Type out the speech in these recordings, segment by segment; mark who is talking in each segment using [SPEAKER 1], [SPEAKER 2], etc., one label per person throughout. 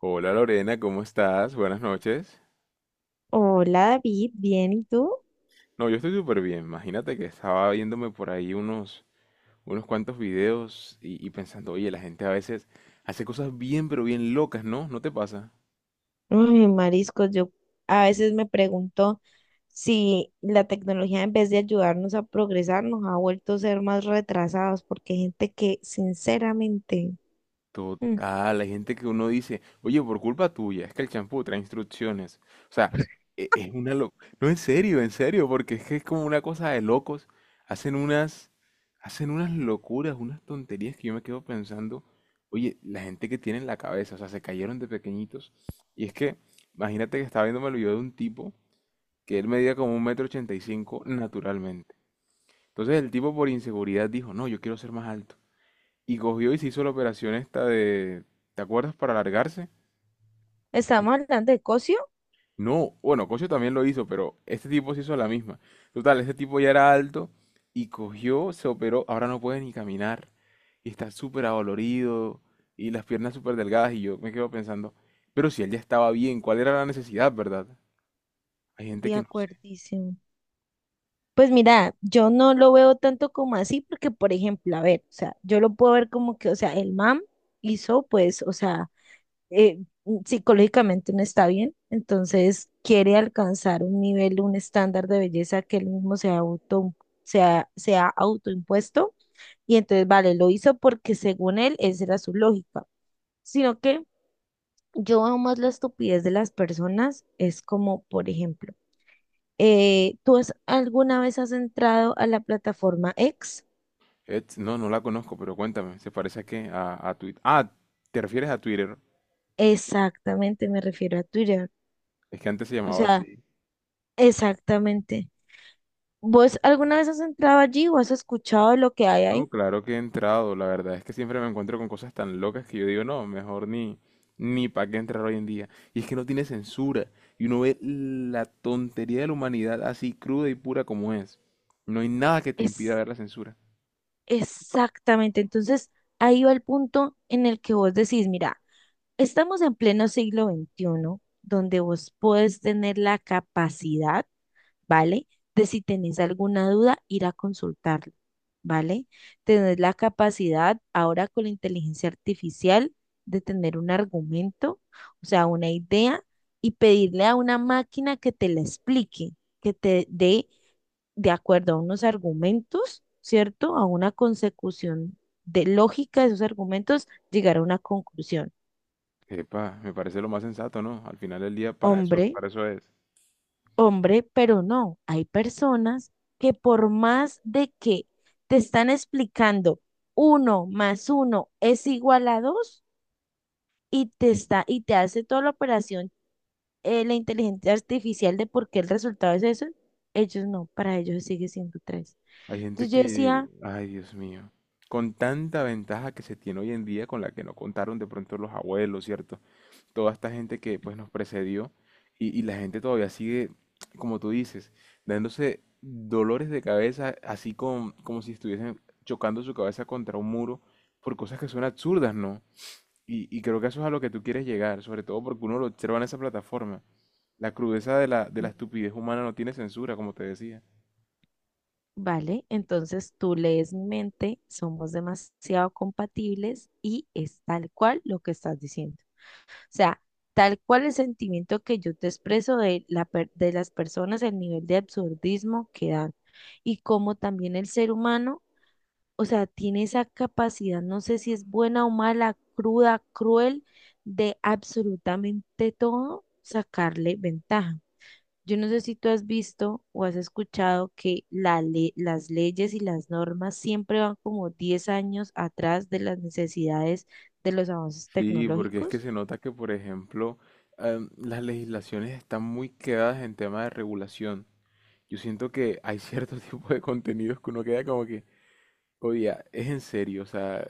[SPEAKER 1] Hola Lorena, ¿cómo estás? Buenas noches.
[SPEAKER 2] Hola David, bien, ¿y tú?
[SPEAKER 1] No, yo estoy súper bien. Imagínate que estaba viéndome por ahí unos cuantos videos y pensando, oye, la gente a veces hace cosas bien, pero bien locas, ¿no? ¿No te pasa?
[SPEAKER 2] Uy, mariscos, yo a veces me pregunto si la tecnología en vez de ayudarnos a progresar nos ha vuelto a ser más retrasados, porque hay gente que sinceramente... mm,
[SPEAKER 1] Total, hay gente que uno dice, oye, por culpa tuya, es que el champú trae instrucciones. O sea, es una locura. No, en serio, porque es que es como una cosa de locos. Hacen unas, hacen unas locuras, unas tonterías que yo me quedo pensando, oye, la gente que tiene en la cabeza, o sea, se cayeron de pequeñitos. Y es que, imagínate que estaba viendo el video de un tipo que él medía como 1,85 m naturalmente. Entonces el tipo por inseguridad dijo, no, yo quiero ser más alto. Y cogió y se hizo la operación esta de, ¿te acuerdas? Para alargarse.
[SPEAKER 2] ¿estamos hablando de cocio?
[SPEAKER 1] No, bueno, Cocho también lo hizo, pero este tipo se hizo la misma. Total, este tipo ya era alto y cogió, se operó, ahora no puede ni caminar. Y está súper adolorido y las piernas súper delgadas y yo me quedo pensando, pero si él ya estaba bien, ¿cuál era la necesidad, verdad? Hay gente
[SPEAKER 2] De
[SPEAKER 1] que no sé.
[SPEAKER 2] acuerdísimo. Pues mira, yo no lo veo tanto como así, porque por ejemplo, a ver, o sea, yo lo puedo ver como que, o sea, el MAM hizo, pues, o sea eh, psicológicamente no está bien, entonces quiere alcanzar un nivel, un estándar de belleza que él mismo se ha auto, se ha autoimpuesto y entonces, vale, lo hizo porque según él, esa era su lógica, sino que yo veo más la estupidez de las personas, es como, por ejemplo, alguna vez has entrado a la plataforma X?
[SPEAKER 1] No, no la conozco, pero cuéntame, ¿se parece a qué? A Twitter. Ah, ¿te refieres a Twitter?
[SPEAKER 2] Exactamente, me refiero a Twitter,
[SPEAKER 1] Es que antes se
[SPEAKER 2] o
[SPEAKER 1] llamaba
[SPEAKER 2] sea,
[SPEAKER 1] así.
[SPEAKER 2] exactamente. ¿Vos alguna vez has entrado allí o has escuchado de lo que hay
[SPEAKER 1] No,
[SPEAKER 2] ahí?
[SPEAKER 1] claro que he entrado. La verdad es que siempre me encuentro con cosas tan locas que yo digo, no, mejor ni para qué entrar hoy en día. Y es que no tiene censura. Y uno ve la tontería de la humanidad así cruda y pura como es. No hay nada que te impida
[SPEAKER 2] Es
[SPEAKER 1] ver la censura.
[SPEAKER 2] exactamente. Entonces, ahí va el punto en el que vos decís, mira, estamos en pleno siglo XXI donde vos puedes tener la capacidad, ¿vale? De si tenés alguna duda, ir a consultarlo, ¿vale? Tenés la capacidad ahora con la inteligencia artificial de tener un argumento, o sea, una idea, y pedirle a una máquina que te la explique, que te dé de acuerdo a unos argumentos, ¿cierto? A una consecución de lógica de esos argumentos, llegar a una conclusión.
[SPEAKER 1] Epa, me parece lo más sensato, ¿no? Al final del día,
[SPEAKER 2] Hombre,
[SPEAKER 1] para eso es.
[SPEAKER 2] hombre, pero no, hay personas que por más de que te están explicando uno más uno es igual a dos y te está y te hace toda la operación, la inteligencia artificial, de por qué el resultado es eso, ellos no, para ellos sigue siendo tres.
[SPEAKER 1] Hay gente
[SPEAKER 2] Entonces yo
[SPEAKER 1] que,
[SPEAKER 2] decía,
[SPEAKER 1] ay, Dios mío, con tanta ventaja que se tiene hoy en día con la que no contaron de pronto los abuelos, ¿cierto? Toda esta gente que pues nos precedió y la gente todavía sigue, como tú dices, dándose dolores de cabeza, así como si estuviesen chocando su cabeza contra un muro por cosas que son absurdas, ¿no? Y creo que eso es a lo que tú quieres llegar, sobre todo porque uno lo observa en esa plataforma. La crudeza de la
[SPEAKER 2] mm,
[SPEAKER 1] estupidez humana no tiene censura, como te decía.
[SPEAKER 2] vale, entonces tú lees mi mente, somos demasiado compatibles y es tal cual lo que estás diciendo. O sea, tal cual el sentimiento que yo te expreso de, de las personas, el nivel de absurdismo que dan y como también el ser humano. O sea, tiene esa capacidad, no sé si es buena o mala, cruda, cruel, de absolutamente todo sacarle ventaja. Yo no sé si tú has visto o has escuchado que las leyes y las normas siempre van como 10 años atrás de las necesidades de los avances
[SPEAKER 1] Sí, porque es que
[SPEAKER 2] tecnológicos.
[SPEAKER 1] se nota que, por ejemplo, las legislaciones están muy quedadas en tema de regulación. Yo siento que hay cierto tipo de contenidos que uno queda como que, oye, es en serio, o sea,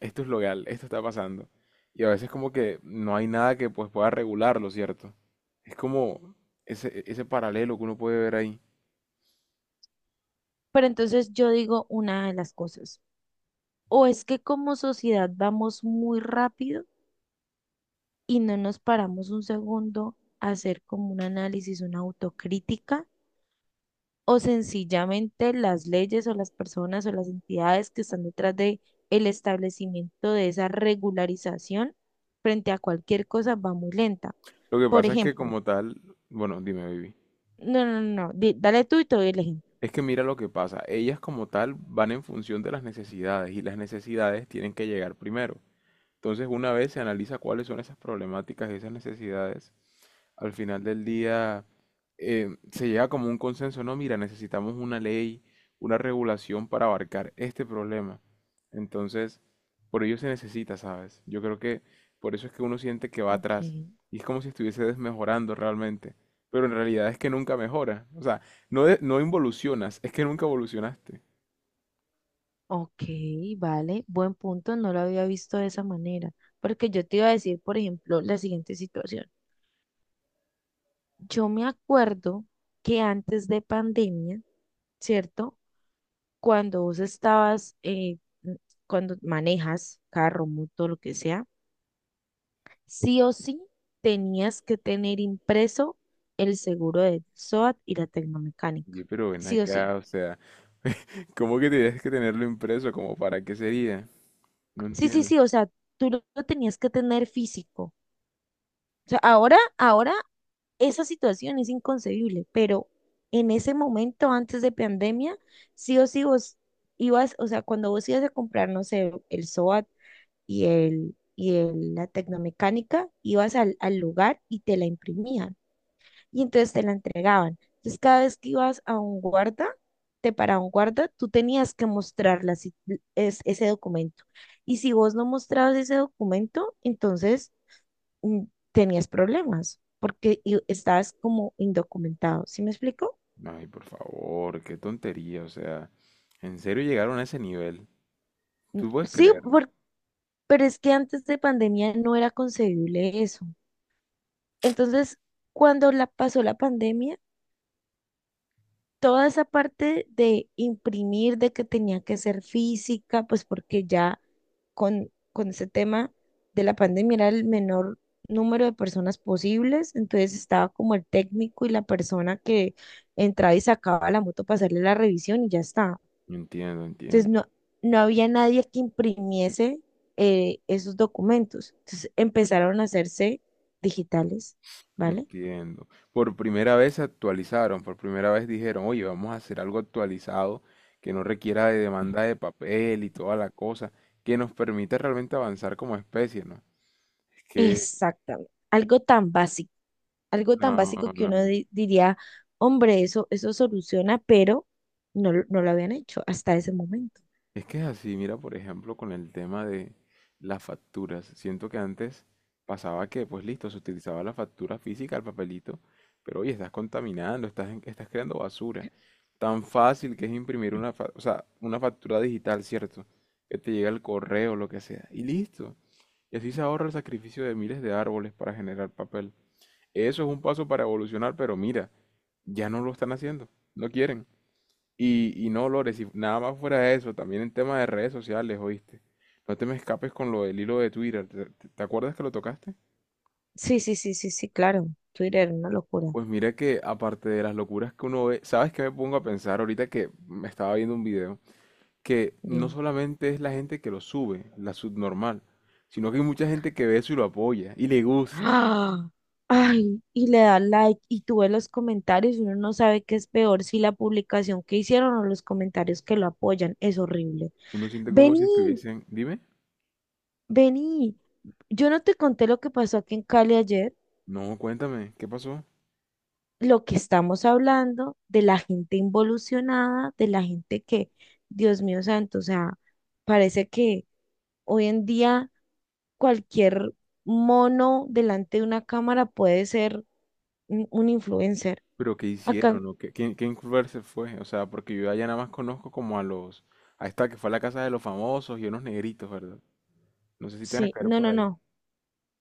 [SPEAKER 1] esto es legal, esto está pasando. Y a veces como que no hay nada que pues pueda regularlo, ¿cierto? Es como ese paralelo que uno puede ver ahí.
[SPEAKER 2] Pero entonces yo digo una de las cosas, o es que como sociedad vamos muy rápido, y no nos paramos un segundo a hacer como un análisis, una autocrítica, o sencillamente las leyes o las personas o las entidades que están detrás de el establecimiento de esa regularización frente a cualquier cosa va muy lenta.
[SPEAKER 1] Lo que
[SPEAKER 2] Por
[SPEAKER 1] pasa es que
[SPEAKER 2] ejemplo,
[SPEAKER 1] como tal, bueno, dime, baby.
[SPEAKER 2] no, no, no, no, di- dale tú y te doy el ejemplo.
[SPEAKER 1] Es que mira lo que pasa. Ellas como tal van en función de las necesidades y las necesidades tienen que llegar primero. Entonces, una vez se analiza cuáles son esas problemáticas y esas necesidades, al final del día se llega como un consenso, no, mira, necesitamos una ley, una regulación para abarcar este problema. Entonces, por ello se necesita, ¿sabes? Yo creo que por eso es que uno siente que va
[SPEAKER 2] Ok,
[SPEAKER 1] atrás y es como si estuviese desmejorando realmente, pero en realidad es que nunca mejora, o sea, no, no involucionas, es que nunca evolucionaste.
[SPEAKER 2] ok, vale, buen punto, no lo había visto de esa manera, porque yo te iba a decir, por ejemplo, la siguiente situación. Yo me acuerdo que antes de pandemia, ¿cierto? Cuando vos estabas, cuando manejas carro, moto, lo que sea, sí o sí tenías que tener impreso el seguro del SOAT y la
[SPEAKER 1] Oye,
[SPEAKER 2] tecnomecánica.
[SPEAKER 1] pero ven
[SPEAKER 2] Sí o sí.
[SPEAKER 1] acá, o sea, ¿cómo que tienes que tenerlo impreso? ¿Como para qué sería? No
[SPEAKER 2] Sí, sí,
[SPEAKER 1] entiendo.
[SPEAKER 2] sí, o sea, tú lo tenías que tener físico. O sea, ahora esa situación es inconcebible, pero en ese momento, antes de pandemia, sí o sí vos ibas, o sea, cuando vos ibas a comprar, no sé, el SOAT y la tecnomecánica, ibas al lugar y te la imprimían y entonces te la entregaban. Entonces cada vez que ibas a un guarda, te paraba un guarda, tú tenías que mostrar la si- es- ese documento. Y si vos no mostrabas ese documento, entonces mm, tenías problemas porque estabas como indocumentado. ¿Sí me explico?
[SPEAKER 1] Ay, por favor, qué tontería, o sea, en serio llegaron a ese nivel.
[SPEAKER 2] Mm,
[SPEAKER 1] Tú puedes
[SPEAKER 2] sí,
[SPEAKER 1] creerlo.
[SPEAKER 2] pero es que antes de pandemia no era concebible eso. Entonces, cuando la pasó la pandemia, toda esa parte de imprimir, de que tenía que ser física, pues porque ya con ese tema de la pandemia era el menor número de personas posibles, entonces estaba como el técnico y la persona que entraba y sacaba la moto para hacerle la revisión y ya está.
[SPEAKER 1] Entiendo,
[SPEAKER 2] Entonces
[SPEAKER 1] entiendo,
[SPEAKER 2] no, no había nadie que imprimiese esos documentos. Entonces empezaron a hacerse digitales, ¿vale?
[SPEAKER 1] entiendo. Por primera vez se actualizaron, por primera vez dijeron, oye, vamos a hacer algo actualizado que no requiera de demanda de papel y toda la cosa, que nos permita realmente avanzar como especie, ¿no? Es que,
[SPEAKER 2] Exactamente. Algo tan básico. Algo tan
[SPEAKER 1] no, no,
[SPEAKER 2] básico que
[SPEAKER 1] no.
[SPEAKER 2] uno diría, hombre, eso soluciona, pero no, no lo habían hecho hasta ese momento.
[SPEAKER 1] Es que es así, mira, por ejemplo, con el tema de las facturas. Siento que antes pasaba que, pues listo, se utilizaba la factura física, el papelito, pero oye, estás contaminando, estás creando basura. Tan fácil que es imprimir una, o sea, una factura digital, ¿cierto? Que te llega el correo, lo que sea, y listo. Y así se ahorra el sacrificio de miles de árboles para generar papel. Eso es un paso para evolucionar, pero mira, ya no lo están haciendo, no quieren. Y no, Lores, y nada más fuera de eso, también en tema de redes sociales, ¿oíste? No te me escapes con lo del hilo de Twitter. ¿Te acuerdas que lo tocaste?
[SPEAKER 2] Sí, sí, sí, sí, sí, claro. Twitter, una locura.
[SPEAKER 1] Pues mira que aparte de las locuras que uno ve, ¿sabes qué me pongo a pensar ahorita que me estaba viendo un video? Que no
[SPEAKER 2] Dime.
[SPEAKER 1] solamente es la gente que lo sube, la subnormal, sino que hay mucha gente que ve eso y lo apoya y le gusta.
[SPEAKER 2] ¡Ah! Ay, y le da like y tú ves los comentarios y uno no sabe qué es peor, si la publicación que hicieron o los comentarios que lo apoyan. Es horrible.
[SPEAKER 1] Uno siente como si
[SPEAKER 2] Vení,
[SPEAKER 1] estuviesen... Dime.
[SPEAKER 2] vení. Yo no te conté lo que pasó aquí en Cali ayer.
[SPEAKER 1] No, cuéntame, ¿qué pasó?
[SPEAKER 2] Lo que estamos hablando, de la gente involucionada, de la gente que, Dios mío santo, o sea, parece que hoy en día cualquier mono delante de una cámara puede ser un influencer.
[SPEAKER 1] Pero ¿qué
[SPEAKER 2] Acá,
[SPEAKER 1] hicieron? ¿O qué, quién Culver se fue? O sea, porque yo allá nada más conozco como a los... Ahí está, que fue a la casa de los famosos y unos negritos, ¿verdad? No sé si te van a
[SPEAKER 2] sí,
[SPEAKER 1] caer
[SPEAKER 2] no,
[SPEAKER 1] por
[SPEAKER 2] no,
[SPEAKER 1] ahí.
[SPEAKER 2] no.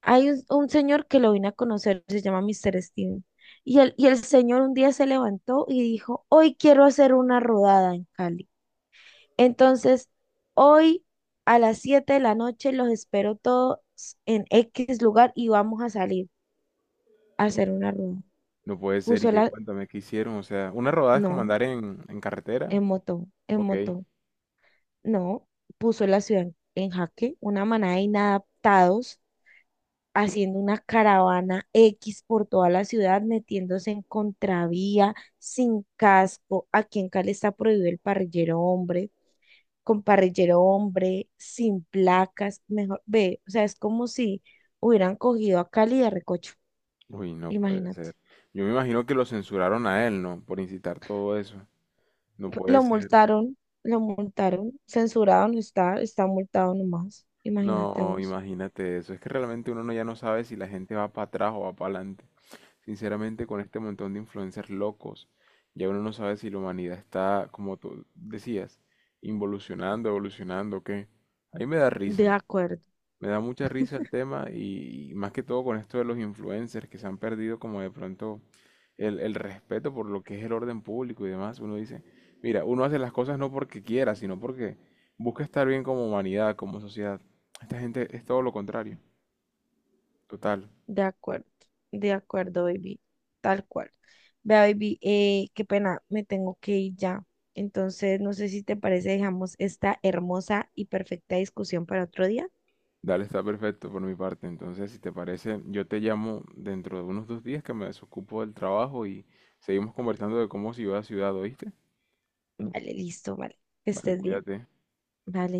[SPEAKER 2] Hay un señor que lo vine a conocer, se llama Mister Steven. Y el señor un día se levantó y dijo, hoy quiero hacer una rodada en Cali. Entonces, hoy a las 7 de la noche los espero todos en X lugar y vamos a salir a hacer una rueda.
[SPEAKER 1] No puede ser, y
[SPEAKER 2] Puso
[SPEAKER 1] que
[SPEAKER 2] la,
[SPEAKER 1] cuéntame qué hicieron. O sea, una rodada es como
[SPEAKER 2] no,
[SPEAKER 1] andar en carretera.
[SPEAKER 2] en
[SPEAKER 1] Ok.
[SPEAKER 2] moto, no, puso la ciudad en jaque, una manada de inadaptados haciendo una caravana X por toda la ciudad, metiéndose en contravía, sin casco. Aquí en Cali está prohibido el parrillero hombre, con parrillero hombre, sin placas, mejor, ve, o sea, es como si hubieran cogido a Cali de recocho,
[SPEAKER 1] Uy, no puede
[SPEAKER 2] imagínate.
[SPEAKER 1] ser. Yo me imagino que lo censuraron a él, ¿no? Por incitar todo eso. No puede
[SPEAKER 2] Lo
[SPEAKER 1] ser.
[SPEAKER 2] multaron, lo multaron, censurado no está, está multado nomás, imagínate
[SPEAKER 1] No,
[SPEAKER 2] vos.
[SPEAKER 1] imagínate eso. Es que realmente uno ya no sabe si la gente va para atrás o va para adelante. Sinceramente, con este montón de influencers locos, ya uno no sabe si la humanidad está, como tú decías, involucionando, evolucionando, o qué. A mí me da
[SPEAKER 2] De
[SPEAKER 1] risa,
[SPEAKER 2] acuerdo,
[SPEAKER 1] me da mucha risa el tema y más que todo con esto de los influencers que se han perdido como de pronto el respeto por lo que es el orden público y demás. Uno dice, mira, uno hace las cosas no porque quiera, sino porque busca estar bien como humanidad, como sociedad. Esta gente es todo lo contrario, total.
[SPEAKER 2] de acuerdo, de acuerdo, baby, tal cual. Vea, baby, qué pena, me tengo que ir ya. Entonces, no sé si te parece, dejamos esta hermosa y perfecta discusión para otro día.
[SPEAKER 1] Dale, está perfecto por mi parte. Entonces, si te parece, yo te llamo dentro de unos 2 días que me desocupo del trabajo y seguimos conversando de cómo ciudad a ciudad, ¿oíste?
[SPEAKER 2] Vale, listo, vale. Que
[SPEAKER 1] Vale,
[SPEAKER 2] estés bien.
[SPEAKER 1] cuídate.
[SPEAKER 2] Vale.